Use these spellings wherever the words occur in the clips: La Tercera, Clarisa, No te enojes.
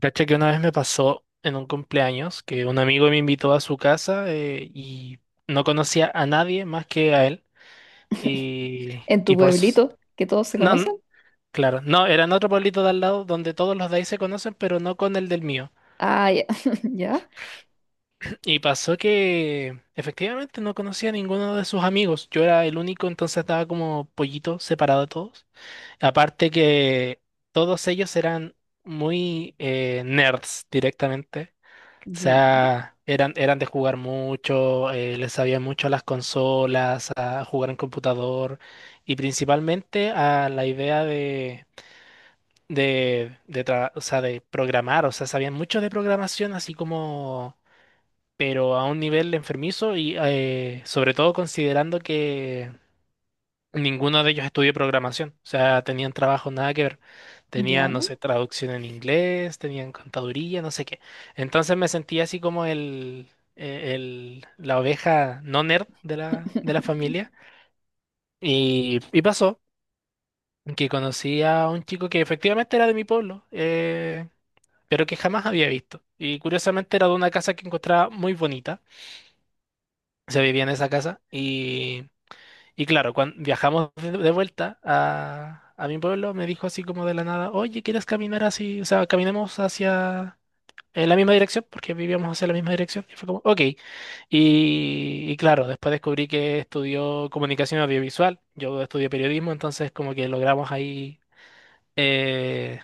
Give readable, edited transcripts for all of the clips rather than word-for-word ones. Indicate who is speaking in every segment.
Speaker 1: Cacha que una vez me pasó en un cumpleaños que un amigo me invitó a su casa y no conocía a nadie más que a él. Y,
Speaker 2: En tu
Speaker 1: y por s-
Speaker 2: pueblito, que todos se
Speaker 1: No,
Speaker 2: conocen.
Speaker 1: claro, no, era en otro pueblito de al lado donde todos los de ahí se conocen, pero no con el del mío.
Speaker 2: Ah, ya, ya,
Speaker 1: Y pasó que efectivamente no conocía a ninguno de sus amigos. Yo era el único, entonces estaba como pollito separado de todos. Aparte que todos ellos eran muy nerds directamente. O
Speaker 2: ya,
Speaker 1: sea, eran de jugar mucho, les sabían mucho a las consolas, a jugar en computador y principalmente a la idea de programar. O sea, sabían mucho de programación, así como, pero a un nivel enfermizo y sobre todo considerando que ninguno de ellos estudió programación, o sea, tenían trabajo nada que ver. Tenían, no
Speaker 2: ya.
Speaker 1: sé, traducción en inglés, tenían contaduría, no sé qué. Entonces me sentía así como la oveja no nerd de de la familia. Y pasó que conocí a un chico que efectivamente era de mi pueblo, pero que jamás había visto. Y curiosamente era de una casa que encontraba muy bonita. Se vivía en esa casa. Y claro, cuando viajamos de vuelta a mi pueblo, me dijo así como de la nada, oye, ¿quieres caminar así? O sea, caminemos hacia en la misma dirección, porque vivíamos hacia la misma dirección. Y fue como, ok. Y claro, después descubrí que estudió comunicación audiovisual, yo estudié periodismo, entonces como que logramos ahí eh,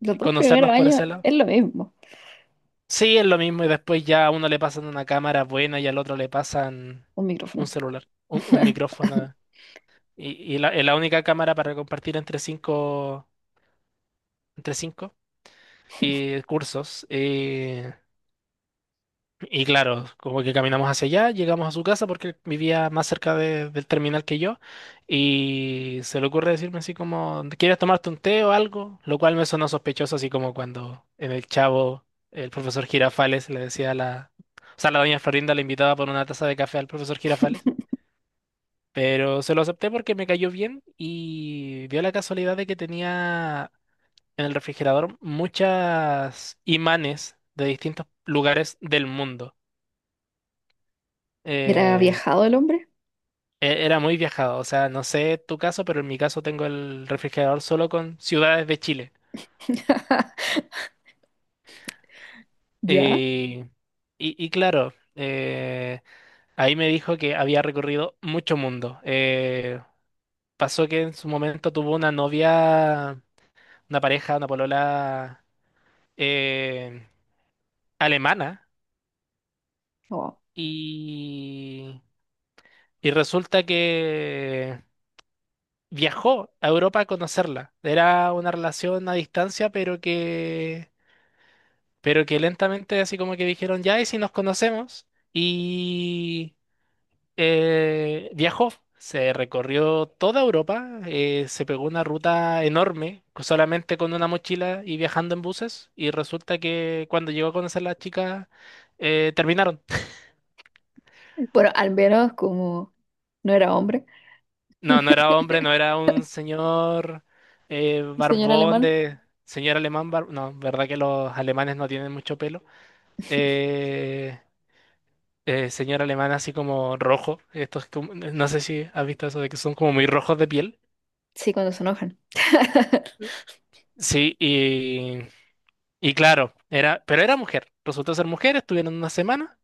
Speaker 2: Los dos primeros
Speaker 1: conocernos por
Speaker 2: años
Speaker 1: ese lado.
Speaker 2: es lo mismo,
Speaker 1: Sí, es lo mismo, y después ya a uno le pasan una cámara buena y al otro le pasan
Speaker 2: un
Speaker 1: un
Speaker 2: micrófono.
Speaker 1: celular, un micrófono. Y la, es la única cámara para compartir entre cinco y cursos. Y claro, como que caminamos hacia allá, llegamos a su casa porque él vivía más cerca del terminal que yo. Y se le ocurre decirme así como, ¿quieres tomarte un té o algo? Lo cual me sonó sospechoso, así como cuando en el Chavo el profesor Girafales le decía a la... O sea, la doña Florinda le invitaba por una taza de café al profesor Girafales. Pero se lo acepté porque me cayó bien y dio la casualidad de que tenía en el refrigerador muchas imanes de distintos lugares del mundo.
Speaker 2: ¿Era
Speaker 1: Eh,
Speaker 2: viajado el hombre?
Speaker 1: era muy viajado, o sea, no sé tu caso, pero en mi caso tengo el refrigerador solo con ciudades de Chile.
Speaker 2: Ya.
Speaker 1: Y, y claro, ahí me dijo que había recorrido mucho mundo. Pasó que en su momento tuvo una novia, una pareja, una polola eh, alemana.
Speaker 2: Oh.
Speaker 1: Y, y resulta que viajó a Europa a conocerla. Era una relación a distancia, pero pero que lentamente así como que dijeron, ya, ¿y si nos conocemos? Y viajó, se recorrió toda Europa, se pegó una ruta enorme, solamente con una mochila y viajando en buses, y resulta que cuando llegó a conocer a la chica, terminaron.
Speaker 2: Bueno, al menos como no era hombre,
Speaker 1: No, no era hombre, no era un señor
Speaker 2: un señor
Speaker 1: barbón
Speaker 2: alemán.
Speaker 1: de... Señor alemán, no, verdad que los alemanes no tienen mucho pelo. Eh, señor alemán así como rojo. Estos, no sé si has visto eso de que son como muy rojos de piel.
Speaker 2: Sí, cuando se enojan.
Speaker 1: Sí, y claro, era, pero era mujer. Resultó ser mujer, estuvieron una semana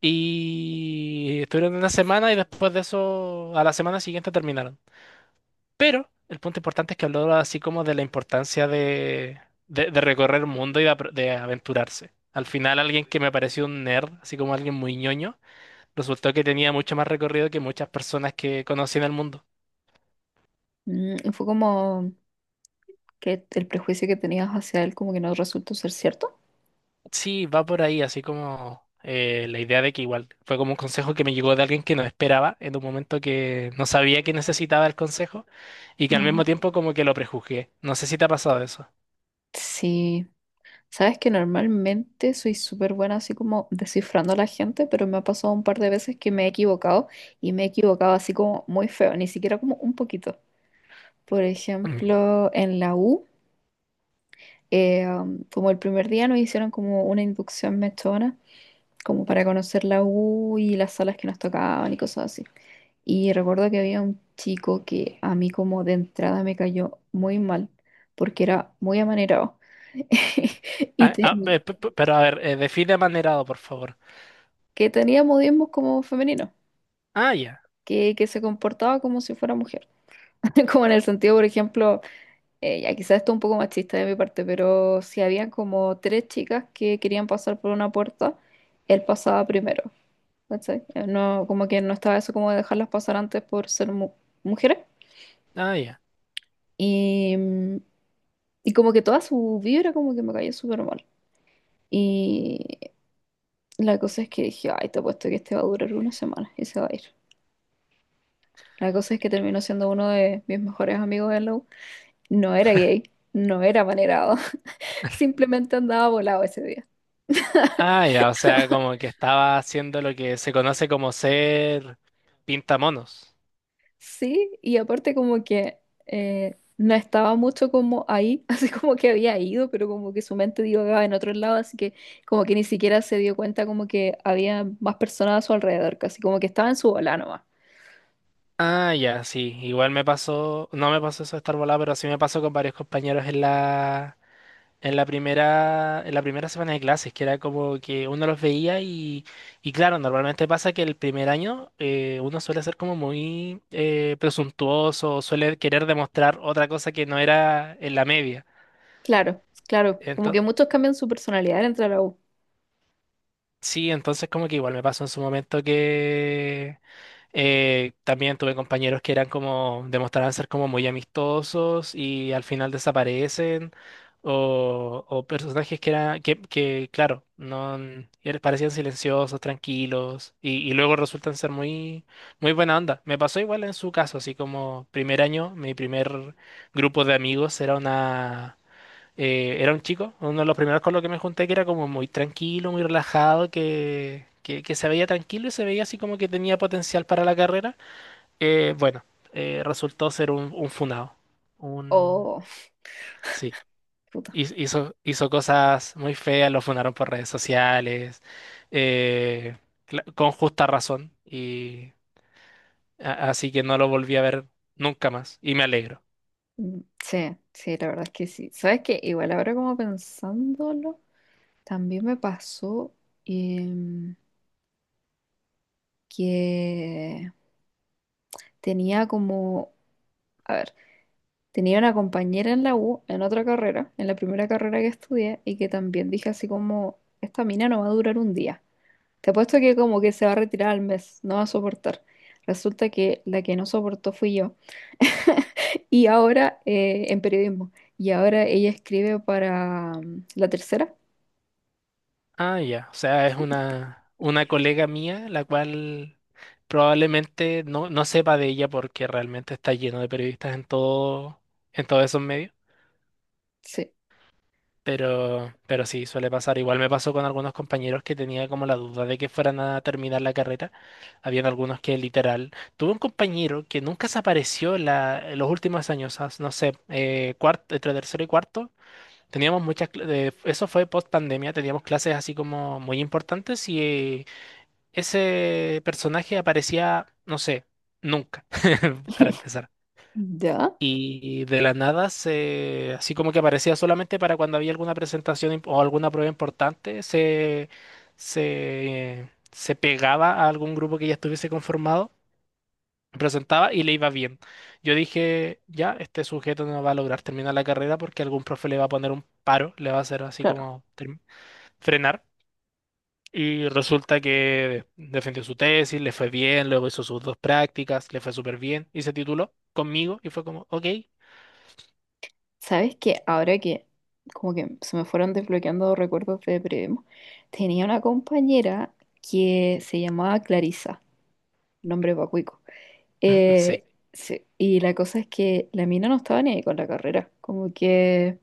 Speaker 1: y estuvieron una semana y después de eso, a la semana siguiente terminaron. Pero el punto importante es que habló así como de la importancia de recorrer el mundo y de aventurarse. Al final, alguien que me pareció un nerd, así como alguien muy ñoño, resultó que tenía mucho más recorrido que muchas personas que conocí en el mundo.
Speaker 2: Mm, fue como que el prejuicio que tenías hacia él como que no resultó ser cierto.
Speaker 1: Sí, va por ahí, así como la idea de que igual fue como un consejo que me llegó de alguien que no esperaba en un momento que no sabía que necesitaba el consejo y que al
Speaker 2: No.
Speaker 1: mismo tiempo como que lo prejuzgué. No sé si te ha pasado eso.
Speaker 2: Sí. Sabes que normalmente soy súper buena así como descifrando a la gente, pero me ha pasado un par de veces que me he equivocado y me he equivocado así como muy feo, ni siquiera como un poquito. Por
Speaker 1: Mm.
Speaker 2: ejemplo, en la U, como el primer día nos hicieron como una inducción mechona, como para conocer la U y las salas que nos tocaban y cosas así. Y recuerdo que había un chico que a mí como de entrada me cayó muy mal, porque era muy amanerado. Y,
Speaker 1: Ah,
Speaker 2: te-
Speaker 1: ah, pero a ver, define amanerado, por favor.
Speaker 2: que tenía modismos como femeninos,
Speaker 1: Ah, ya.
Speaker 2: que se comportaba como si fuera mujer. Como en el sentido, por ejemplo, ya, quizás esto es un poco machista de mi parte, pero si habían como tres chicas que querían pasar por una puerta, él pasaba primero. ¿Cachai? No, como que no estaba eso como de dejarlas pasar antes por ser mujeres.
Speaker 1: Ah, ya.
Speaker 2: Y, mm, y como que toda su vibra como que me cayó súper mal. Y la cosa es que dije, ay, te apuesto que este va a durar una semana y se va a ir. La cosa es que terminó siendo uno de mis mejores amigos en la U. No era gay, no era manerado, simplemente andaba volado ese día.
Speaker 1: Ah, ya, o sea, como que estaba haciendo lo que se conoce como ser pintamonos.
Speaker 2: Sí, y aparte como que no estaba mucho como ahí, así como que había ido, pero como que su mente divagaba en otro lado, así que como que ni siquiera se dio cuenta como que había más personas a su alrededor, casi como que estaba en su bola nomás.
Speaker 1: Ah, ya, sí. Igual me pasó, no me pasó eso de estar volado, pero sí me pasó con varios compañeros en en la primera semana de clases, que era como que uno los veía y claro, normalmente pasa que el primer año uno suele ser como muy presuntuoso, suele querer demostrar otra cosa que no era en la media.
Speaker 2: Claro, claro, como que
Speaker 1: Entonces,
Speaker 2: muchos cambian su personalidad entre la U.
Speaker 1: sí, entonces como que igual me pasó en su momento que también tuve compañeros que eran como, demostraban ser como muy amistosos y al final desaparecen, o personajes que eran, claro, no parecían silenciosos, tranquilos, y luego resultan ser muy buena onda. Me pasó igual en su caso, así como primer año, mi primer grupo de amigos era una era un chico, uno de los primeros con los que me junté, que era como muy tranquilo, muy relajado, que se veía tranquilo y se veía así como que tenía potencial para la carrera. Bueno, resultó ser un funado. Un...
Speaker 2: Oh,
Speaker 1: Sí,
Speaker 2: puta.
Speaker 1: hizo cosas muy feas, lo funaron por redes sociales, eh, con justa razón, y así que no lo volví a ver nunca más, y me alegro.
Speaker 2: Mm, sí, sí, la verdad es que sí. ¿Sabes qué? Igual ahora como pensándolo, también me pasó em, que tenía como, a ver, tenía una compañera en la U, en otra carrera, en la primera carrera que estudié, y que también dije así como, esta mina no va a durar un día. Te apuesto que como que se va a retirar al mes, no va a soportar. Resulta que la que no soportó fui yo. Y ahora en periodismo. Y ahora ella escribe para mm, La Tercera.
Speaker 1: Ah, ya. O sea, es una colega mía, la cual probablemente no sepa de ella porque realmente está lleno de periodistas en todo, en todos esos medios.
Speaker 2: Sí,
Speaker 1: Pero sí, suele pasar. Igual me pasó con algunos compañeros que tenía como la duda de que fueran a terminar la carrera. Habían algunos que literal. Tuve un compañero que nunca se apareció en los últimos años, no sé, cuarto, entre tercero y cuarto. Teníamos eso fue post pandemia, teníamos clases así como muy importantes y ese personaje aparecía, no sé, nunca, para empezar.
Speaker 2: ya,
Speaker 1: Y de la nada, así como que aparecía solamente para cuando había alguna presentación o alguna prueba importante, se pegaba a algún grupo que ya estuviese conformado, presentaba y le iba bien. Yo dije, ya, este sujeto no va a lograr terminar la carrera porque algún profe le va a poner un paro, le va a hacer así
Speaker 2: claro.
Speaker 1: como frenar. Y resulta que defendió su tesis, le fue bien, luego hizo sus dos prácticas, le fue súper bien y se tituló conmigo y fue como, ok,
Speaker 2: ¿Sabes que ahora que como que se me fueron desbloqueando recuerdos de Primo, tenía una compañera que se llamaba Clarisa, nombre pacuico. Eh,
Speaker 1: sí,
Speaker 2: sí, y la cosa es que la mina no estaba ni ahí con la carrera, como que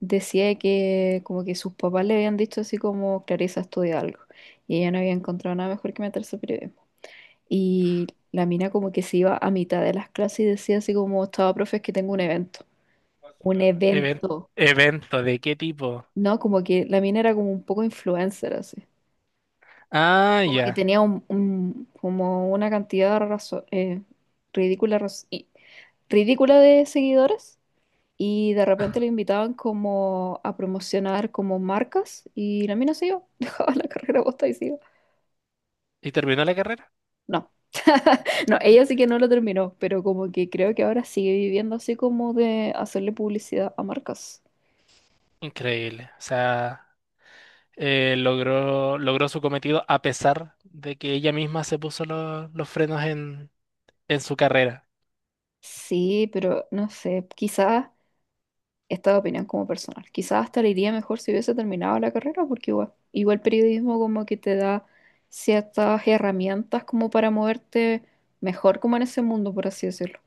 Speaker 2: decía que como que sus papás le habían dicho así como, Clarisa, estudia algo, y ella no había encontrado nada mejor que meterse a periodismo. Y la mina como que se iba a mitad de las clases y decía así como, estaba, profe, es que tengo un evento. Un
Speaker 1: even-
Speaker 2: evento,
Speaker 1: evento, ¿de qué tipo?
Speaker 2: ¿no? Como que la mina era como un poco influencer, así.
Speaker 1: Ah,
Speaker 2: Como que
Speaker 1: ya.
Speaker 2: tenía un, como una cantidad ridícula, ridícula de seguidores, y de repente le invitaban como a promocionar como marcas y la mina se iba, dejaba la carrera posta y se iba.
Speaker 1: ¿Y terminó la carrera?
Speaker 2: No. No, ella sí que no lo terminó, pero como que creo que ahora sigue viviendo así como de hacerle publicidad a marcas.
Speaker 1: Increíble. O sea, logró su cometido a pesar de que ella misma se puso los frenos en su carrera,
Speaker 2: Sí, pero no sé, quizás esta opinión como personal. Quizás hasta le iría mejor si hubiese terminado la carrera, porque igual, igual periodismo como que te da ciertas herramientas como para moverte mejor como en ese mundo, por así decirlo.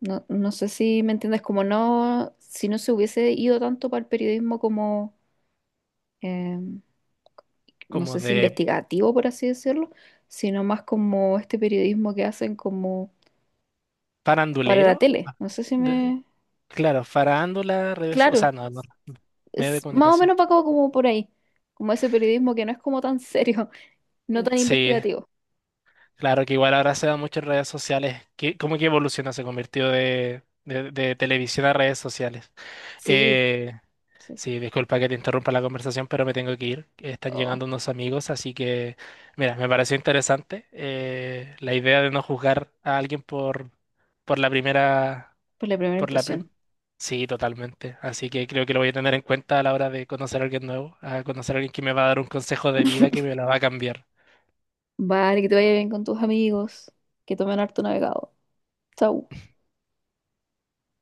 Speaker 2: No, no sé si me entiendes, como no, si no se hubiese ido tanto para el periodismo como, eh, no
Speaker 1: como
Speaker 2: sé si
Speaker 1: de
Speaker 2: investigativo, por así decirlo, sino más como este periodismo que hacen como para la
Speaker 1: farandulero.
Speaker 2: tele.
Speaker 1: Ah,
Speaker 2: No sé si
Speaker 1: de-
Speaker 2: me...
Speaker 1: claro, farándula, redes, o sea,
Speaker 2: Claro,
Speaker 1: no, no, medio de
Speaker 2: es más o
Speaker 1: comunicación.
Speaker 2: menos va como, como por ahí, como ese periodismo que no es como tan serio, no tan
Speaker 1: Sí,
Speaker 2: investigativo.
Speaker 1: claro que igual ahora se da mucho en redes sociales. ¿Qué... ¿Cómo que evoluciona? Se convirtió de televisión a redes sociales.
Speaker 2: Sí,
Speaker 1: Eh,
Speaker 2: sí, sí.
Speaker 1: sí, disculpa que te interrumpa la conversación, pero me tengo que ir. Están
Speaker 2: Oh,
Speaker 1: llegando unos amigos, así que, mira, me pareció interesante la idea de no juzgar a alguien por la primera,
Speaker 2: pues la primera
Speaker 1: por la prim-
Speaker 2: impresión.
Speaker 1: Sí, totalmente. Así que creo que lo voy a tener en cuenta a la hora de conocer a alguien nuevo, a conocer a alguien que me va a dar un consejo de vida que me la va a cambiar.
Speaker 2: Vale, que te vaya bien con tus amigos, que tomen harto navegado. Chau.